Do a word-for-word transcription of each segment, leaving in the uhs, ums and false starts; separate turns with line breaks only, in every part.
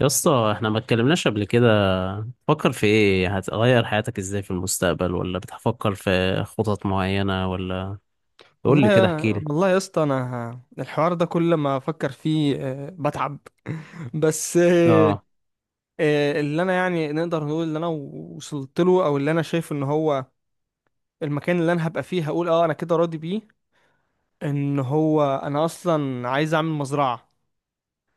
يا اسطى احنا ما اتكلمناش قبل كده. فكر في ايه هتغير حياتك ازاي في المستقبل، ولا بتفكر في خطط معينة، ولا؟ قول لي
والله
كده،
يا
احكي لي.
والله يا اسطى انا ه- الحوار ده كل ما افكر فيه آه، بتعب. بس آه،
اه،
آه، اللي انا يعني نقدر نقول اللي انا وصلت له او اللي انا شايف ان هو المكان اللي انا هبقى فيه هقول اه انا كده راضي بيه، ان هو انا اصلا عايز اعمل مزرعة.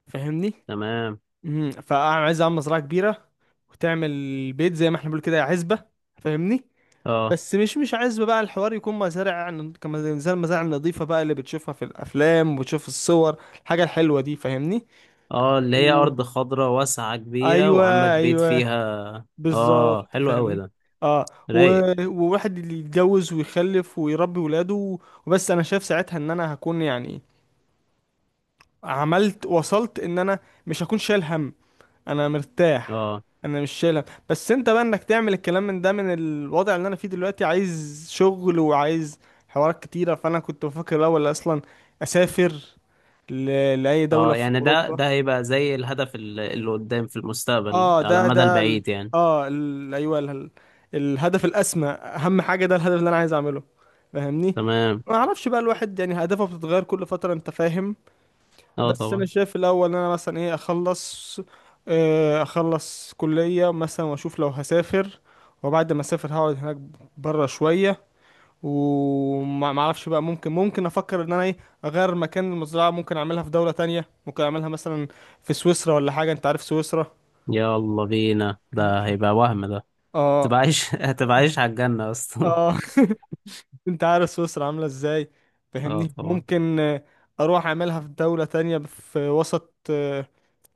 فاهمني؟
تمام.
امم فانا عايز اعمل مزرعة كبيرة وتعمل بيت زي ما احنا بنقول كده عزبة. فاهمني؟
اه.
بس مش مش عايز بقى الحوار يكون مزارع، يعني كما زي المزارع النظيفة بقى اللي بتشوفها في الأفلام وبتشوف الصور الحاجة الحلوة دي. فاهمني؟
اه، اللي هي
و...
ارض خضراء واسعة كبيرة،
أيوة،
وعندك بيت
أيوة،
فيها. اه،
بالظبط
حلو قوي
فاهم.
ده،
اه و...
رايق.
وواحد اللي يتجوز ويخلف ويربي ولاده و... وبس أنا شايف ساعتها إن أنا هكون يعني عملت، وصلت إن أنا مش هكون شايل هم. انا مرتاح،
اه
انا مش شايلها. بس انت بقى انك تعمل الكلام من ده، من الوضع اللي انا فيه دلوقتي، عايز شغل وعايز حوارات كتيرة. فانا كنت بفكر الاول اصلا اسافر ل... لاي دولة
اه،
في
يعني ده
اوروبا.
ده هيبقى زي الهدف ال- اللي قدام في المستقبل
اه
على
ده
المدى
ده ال...
البعيد يعني.
اه ال... ايوه ال... الهدف الاسمى، اهم حاجة، ده الهدف اللي انا عايز اعمله. فاهمني؟
تمام،
ما اعرفش بقى، الواحد يعني اهدافه بتتغير كل فترة، انت فاهم.
اه
بس انا
طبعا.
شايف الاول ان انا مثلا ايه، اخلص، آه، اخلص كلية مثلا واشوف لو هسافر. وبعد ما اسافر هقعد هناك بره شوية، وما ما اعرفش بقى، ممكن ممكن افكر ان انا ايه، اغير مكان المزرعة، ممكن اعملها في دولة تانية، ممكن اعملها مثلا في سويسرا ولا حاجة، انت عارف سويسرا.
يلا بينا، ده هيبقى وهم ده.
اه.
تبقى عايش هتبقى عايش على الجنة اصلا.
اه. انت عارف سويسرا عاملة ازاي.
اه
فاهمني؟
طبعا.
ممكن آه، اروح اعملها في دولة تانية في وسط آه،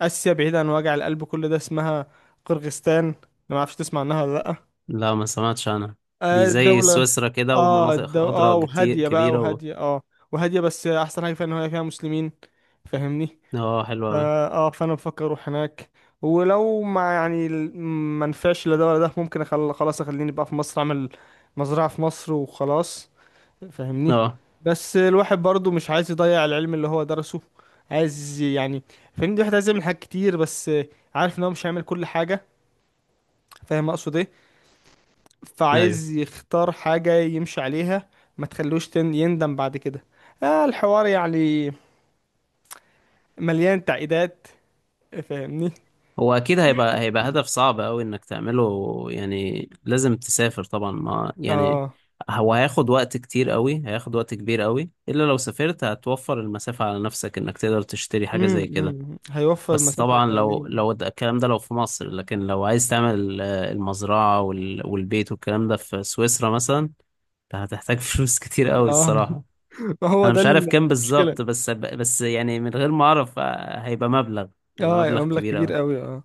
آسيا، بعيدة عن وجع القلب كل ده، اسمها قرغستان. أنا ما اعرفش تسمع عنها ولا لأ.
لا، ما سمعتش عنها.
آه،
دي زي
الدولة.
سويسرا كده،
اه
ومناطق
الدو... اه
خضراء كتير
وهادية بقى،
كبيرة و...
وهادية اه، وهادية. بس أحسن حاجة فيها إن هي فيها مسلمين. فاهمني؟
اه، حلوة
فا،
أوي.
اه، فأنا بفكر أروح هناك. ولو ما يعني ال- ما نفعش لا ده ولا ده، ممكن أخل... خلاص أخليني بقى في مصر، أعمل مزرعة في مصر وخلاص. فاهمني؟
اه،
بس الواحد برضو مش عايز يضيع العلم اللي هو درسه، عايز يعني، فاهمني، الواحد عايز يعمل حاجات كتير، بس عارف ان هو مش هيعمل كل حاجة. فاهم اقصد ايه؟
ايوه.
فعايز يختار حاجة يمشي عليها، ما تخلوش تن- يندم بعد كده. آه، الحوار يعني مليان تعقيدات. فاهمني؟
هو أكيد هيبقى هيبقى هدف صعب أوي إنك تعمله، يعني لازم تسافر طبعا، ما يعني.
اه.
هو هياخد وقت كتير أوي هياخد وقت كبير أوي، إلا لو سافرت هتوفر المسافة على نفسك إنك تقدر تشتري حاجة زي كده.
امم هيوفر
بس
المسافة
طبعا، لو
هيخليني.
لو ده- الكلام ده لو في مصر، لكن لو عايز تعمل آه، المزرعة وال- والبيت والكلام ده في سويسرا مثلا، ده هتحتاج فلوس كتير قوي
اه.
الصراحة.
ما هو
انا
ده
مش عارف كام
المشكلة.
بالظبط، بس بس يعني من غير ما اعرف، آه، هيبقى مبلغ هيبقى
اه،
مبلغ
يبقى مبلغ
كبير
كبير
قوي.
قوي، اه.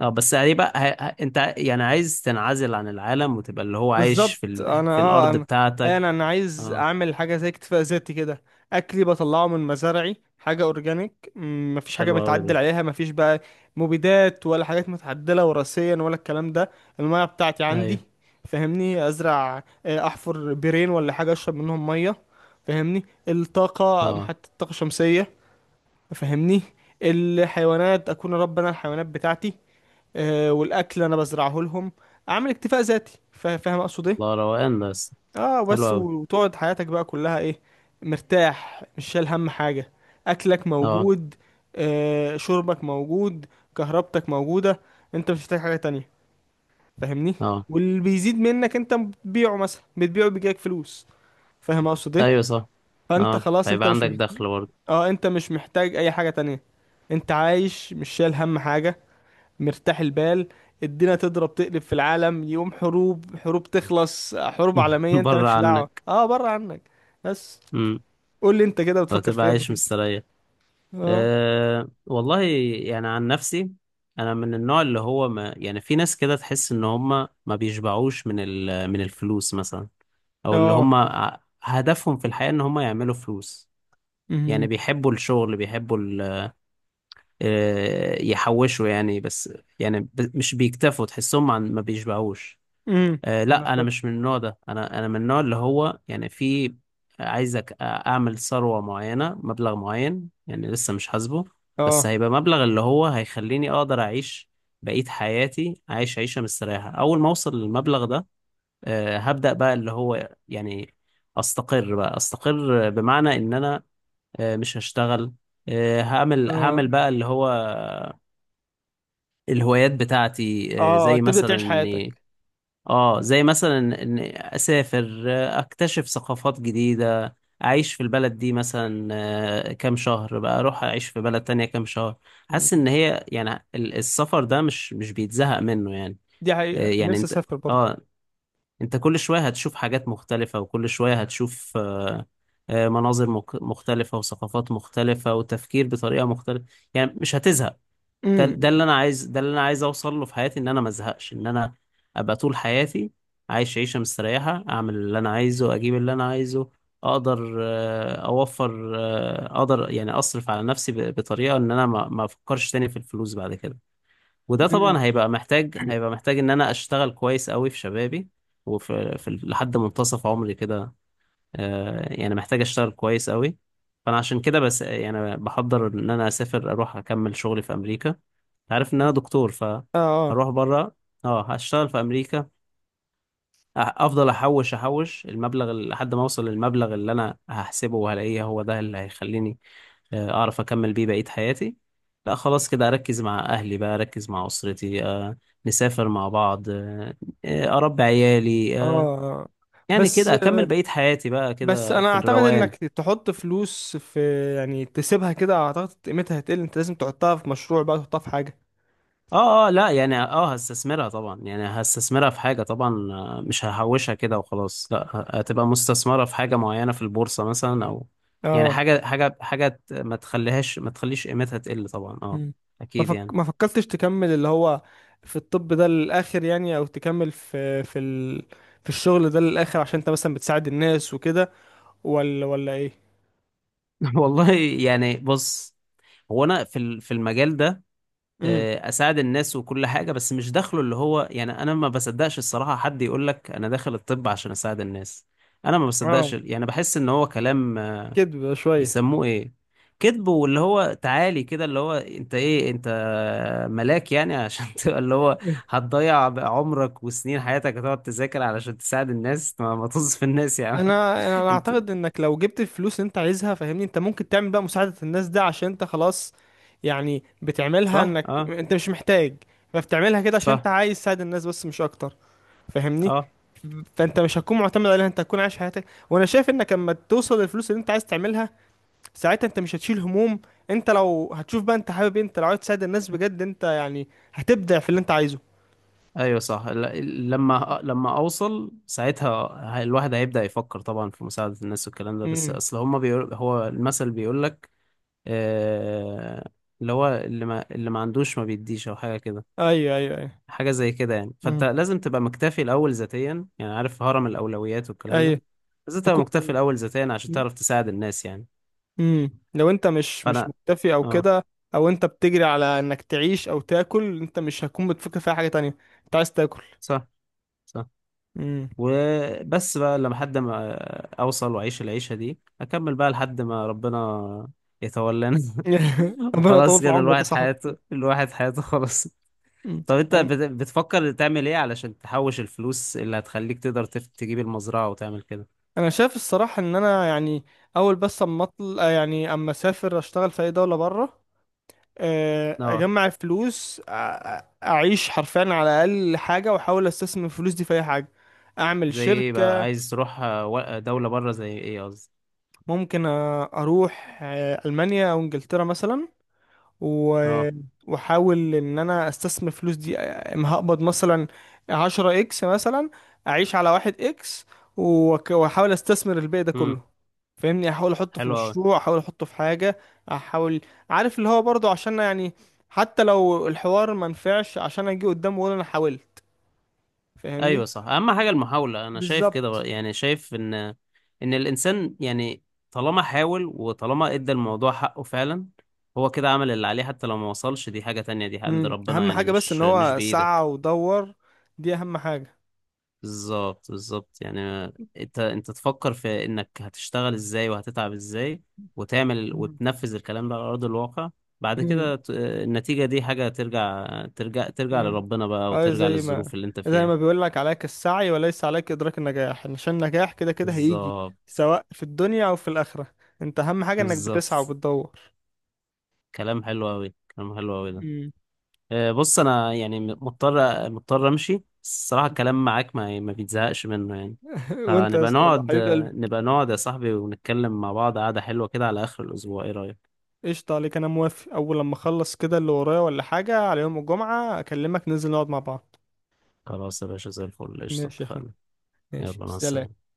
اه، بس هيبقى هي... ه- انت يعني عايز تنعزل عن العالم، وتبقى اللي هو عايش
بالظبط
في ال...
انا،
في
اه
الارض
انا، انا
بتاعتك.
انا عايز
اه،
اعمل حاجه زي اكتفاء ذاتي كده. اكلي بطلعه من مزارعي، حاجه اورجانيك، م، مفيش حاجه
حلو قوي ده.
متعدل عليها، مفيش بقى مبيدات ولا حاجات متعدله وراثيا ولا الكلام ده. الميه بتاعتي عندي،
ايوه،
فاهمني، ازرع، آه، احفر بيرين ولا حاجه اشرب منهم ميه. فاهمني؟ الطاقه،
اه،
حتى الطاقه الشمسيه. فاهمني؟ الحيوانات، اكون رب انا الحيوانات بتاعتي، آه، والاكل انا بزرعه لهم. اعمل اكتفاء ذاتي. فا- فاهم اقصد ايه؟
الله، روقان ده، بس.
اه،
حلو
بس
قوي.
و- وتقعد حياتك بقى كلها ايه، مرتاح مش شايل هم حاجة. اكلك
اه،
موجود، آه، شربك موجود، كهربتك موجودة، انت مش محتاج حاجة تانية. فاهمني؟
اه،
واللي بيزيد منك انت بتبيعه، مثلا بتبيعه بيجيلك فلوس. فاهم اقصد ايه؟
ايوه صح.
فانت
اه،
خلاص، انت
هيبقى
مش
عندك
محتاج.
دخل برضه.
اه، انت مش محتاج اي حاجة تانية، انت عايش مش شايل هم حاجة، مرتاح البال. الدنيا تضرب تقلب في العالم، يقوم حروب، حروب تخلص، حروب عالمية، انت
بره
مالكش دعوة،
عنك.
اه، بره عنك. بس
امم
قول لي انت كده بتفكر في
وهتبقى
ايه لما
عايش
تكبر.
مستريح.
اه.
أه والله. يعني عن نفسي، انا من النوع اللي هو، ما يعني، في ناس كده تحس ان هم ما بيشبعوش من ال- من الفلوس مثلا، او اللي
اه.
هم ع- هدفهم في الحياة ان هم يعملوا فلوس. يعني
امم.
بيحبوا الشغل، بيحبوا ال- آه، يحوشوا يعني بس، يعني ب- مش بيكتفوا، تحسهم عن ما بيشبعوش.
امم.
آه
انا
لا، انا
فاهم.
مش من النوع ده. انا انا من النوع اللي هو، يعني في، عايزك اعمل ثروة معينة، مبلغ معين، يعني لسه مش حاسبه، بس
اه.
هيبقى مبلغ اللي هو هيخليني اقدر اعيش بقية حياتي عايش عيشة مستريحة. اول ما اوصل للمبلغ ده، آه هبدأ بقى اللي هو يعني، استقر بقى، استقر بمعنى ان انا آه مش هشتغل، آه هعمل،
اه.
هعمل بقى اللي هو الهوايات بتاعتي، آه،
اه،
زي
تبدأ
مثلا
تعيش
اني،
حياتك.
اه زي مثلا ان اسافر، آه، اكتشف ثقافات جديدة، اعيش في البلد دي مثلا آه، كام شهر، بقى اروح اعيش في بلد تانية كام شهر. حاسس
مم.
ان هي يعني ال- السفر ده مش مش بيتزهق منه يعني.
دي
آه،
حقيقة
يعني
نفسي
انت،
اسافر برضو.
اه، انت كل شوية هتشوف حاجات مختلفة، وكل شوية هتشوف آه، آه، مناظر مك- مختلفة، وثقافات مختلفة، وتفكير بطريقة مختلفة، يعني مش هتزهق. ده ده اللي
امم.
انا عايز ده اللي انا عايز اوصل له في حياتي، ان انا ما ازهقش، ان انا ابقى طول حياتي عايش عيشه مستريحه، اعمل اللي انا عايزه، اجيب اللي انا عايزه، اقدر آه، اوفر، آه، اقدر يعني اصرف على نفسي ب- بطريقه ان انا ما ما افكرش تاني في الفلوس بعد كده. وده
امم.
طبعا هيبقى محتاج، هيبقى محتاج ان انا اشتغل كويس قوي في شبابي، وفي في لحد منتصف عمري كده. آه، يعني محتاج اشتغل كويس قوي. فانا عشان كده بس، يعني بحضر ان انا اسافر، اروح اكمل شغلي في امريكا. أنت عارف ان انا دكتور،
اه. اه.
فهروح بره. اه، هشتغل في امريكا. أ- افضل احوش احوش المبلغ ال- لحد ما اوصل للمبلغ اللي انا هحسبه، وهلاقيه هو ده اللي هيخليني آه، اعرف اكمل بيه بقية حياتي. لا، خلاص كده اركز مع اهلي بقى، اركز مع اسرتي، آه، نسافر مع بعض، آه، آه، اربي عيالي، آه،
اه.
يعني
بس
كده اكمل بقية حياتي بقى
بس
كده
انا
في
اعتقد
الروقان.
انك تحط فلوس في، يعني تسيبها كده اعتقد قيمتها هتقل، انت لازم تحطها في مشروع بقى، تحطها في حاجة.
اه، اه، لا يعني، اه هستثمرها طبعا، يعني هستثمرها في حاجة طبعا، آه، مش ههوشها كده وخلاص، لا، ه- هتبقى مستثمرة في حاجة معينة، في البورصة مثلا، او يعني
اه.
حاجة حاجة حاجة، ت- ما تخليهاش ما تخليش قيمتها تقل طبعا، اه،
مم. ما
اكيد
فك...
يعني.
ما فكرتش تكمل اللي هو في الطب ده للآخر يعني، او تكمل في في ال... في الشغل ده للآخر، عشان انت مثلا بتساعد الناس وكده، ولا ولا ايه؟
والله، يعني بص، هو انا في ال- في المجال ده،
امم.
آه، اساعد الناس وكل حاجة، بس مش داخله اللي هو، يعني انا ما بصدقش الصراحة حد يقول لك انا داخل الطب عشان اساعد الناس. انا ما بصدقش،
اه،
يعني بحس ان هو كلام
كدب شوية.
بيسموه ايه، كذب. واللي هو، تعالي كده، اللي هو انت ايه، انت ملاك يعني؟ عشان تبقى اللي هو،
إيه.
هتضيع عمرك وسنين حياتك، هتقعد تذاكر علشان تساعد الناس؟ ما, ما طز في الناس يا عم.
انا انا
انت،
اعتقد انك لو جبت الفلوس اللي انت عايزها، فاهمني، انت ممكن تعمل بقى مساعدة الناس ده، عشان انت خلاص يعني بتعملها،
صح،
انك
اه،
انت مش محتاج. فبتعملها كده عشان انت
صح،
عايز تساعد الناس، بس مش اكتر. فاهمني؟
اه،
فانت مش هتكون معتمد عليها، انت هتكون عايش حياتك. وانا شايف انك لما توصل للفلوس اللي انت عايز تعملها، ساعتها انت مش هتشيل هموم. انت لو هتشوف بقى انت حابب إيه، انت لو عايز تساعد الناس بجد، انت يعني هتبدع في اللي انت عايزه.
ايوه صح. ل- لما لما اوصل ساعتها، ه- الواحد هيبدأ يفكر طبعا في مساعدة الناس والكلام ده، بس
امم.
اصل هما بيقول، هو المثل بيقول لك، آه اللي هو، اللي ما اللي ما عندوش ما بيديش، او حاجة كده،
ايوه، ايوه، ايوه.
حاجة زي كده يعني. فأنت
امم.
لازم تبقى مكتفي الأول ذاتيا، يعني عارف هرم الأولويات والكلام ده.
ايوه.
لازم تبقى
تكون.
مكتفي الأول ذاتيا عشان تعرف تساعد الناس يعني.
امم، لو انت مش مش
فأنا،
مكتفي او
اه،
كده، او انت بتجري على انك تعيش او تاكل، انت مش هتكون بتفكر في أي حاجه تانية، انت عايز تاكل.
صح، صح.
امم.
وبس بقى، لما حد ما أوصل، وأعيش العيشة دي، أكمل بقى لحد ما ربنا يتولانا.
ربنا يطول
وخلاص
في
كده،
عمرك يا
الواحد
صاحبي.
حياته الواحد حياته خلاص. طب أنت
أمم.
بت- بتفكر تعمل إيه علشان تحوش الفلوس اللي هتخليك تقدر تف- تجيب المزرعة وتعمل كده؟
انا شايف الصراحه ان انا يعني اول، بس اما اطل، آه يعني اما اسافر اشتغل في اي دوله بره، آه،
اه،
اجمع الفلوس، أ- أ- اعيش حرفيا على اقل حاجه، واحاول استثمر الفلوس دي في اي حاجه، اعمل
زي ايه بقى؟
شركه.
عايز تروح آه، و- آه، دولة بره، زي ايه قصدي؟
ممكن أ- اروح آه، المانيا او انجلترا مثلا، و...
اه،
واحاول ان انا استثمر الفلوس دي. اما هقبض مثلا عشرة اكس مثلا، اعيش على واحد اكس، وك- واحاول استثمر الباقي ده كله.
امم
فاهمني؟ احاول احطه في
حلو قوي.
مشروع، احاول احطه في حاجة، احاول، عارف، اللي هو برضو عشان يعني حتى لو الحوار ما نفعش، عشان اجي قدام واقول انا حاولت.
ايوه
فاهمني؟
صح، اهم حاجة المحاولة، انا شايف كده
بالظبط.
بقى. يعني شايف ان، ان الانسان يعني، طالما حاول، وطالما ادى الموضوع حقه فعلا، هو كده عمل اللي عليه. حتى لو ما وصلش، دي حاجة تانية، دي عند
امم.
ربنا،
اهم
يعني
حاجة بس ان
مش مش
هو سعى
بإيدك.
ودور، دي اهم حاجة.
بالظبط، بالظبط يعني. انت انت تفكر في انك هتشتغل ازاي، وهتتعب ازاي، وتعمل
مم.
وتنفذ الكلام ده على ارض الواقع. بعد كده، ت- النتيجة دي حاجة ترجع ترجع ترجع
امم.
لربنا بقى،
اه،
وترجع
زي ما،
للظروف اللي انت
زي
فيها.
ما بيقول لك، عليك السعي وليس عليك إدراك النجاح، عشان النجاح كده كده هيجي،
بالظبط،
سواء في الدنيا أو في الآخرة. أنت أهم حاجة إنك بتسعى
بالظبط.
وبتدور.
كلام حلو قوي، كلام حلو قوي ده.
امم.
آه، بص، انا يعني م- مضطر مضطر امشي، بس الصراحة الكلام معاك ما ما بيتزهقش منه يعني.
وأنت يا
فنبقى
اسطى والله
نقعد
حبيب قلبي.
آه، نبقى نقعد يا صاحبي، ونتكلم مع بعض قعدة حلوة كده على آخر الأسبوع، ايه رأيك؟
قشطة، عليك أنا موافق، أول لما أخلص كده اللي ورايا ولا حاجة على يوم الجمعة أكلمك ننزل نقعد مع بعض.
خلاص يا باشا، زي الفل، قشطة،
ماشي يا أخوي.
اتفقنا.
ماشي،
يلا، مع
سلام.
السلامة.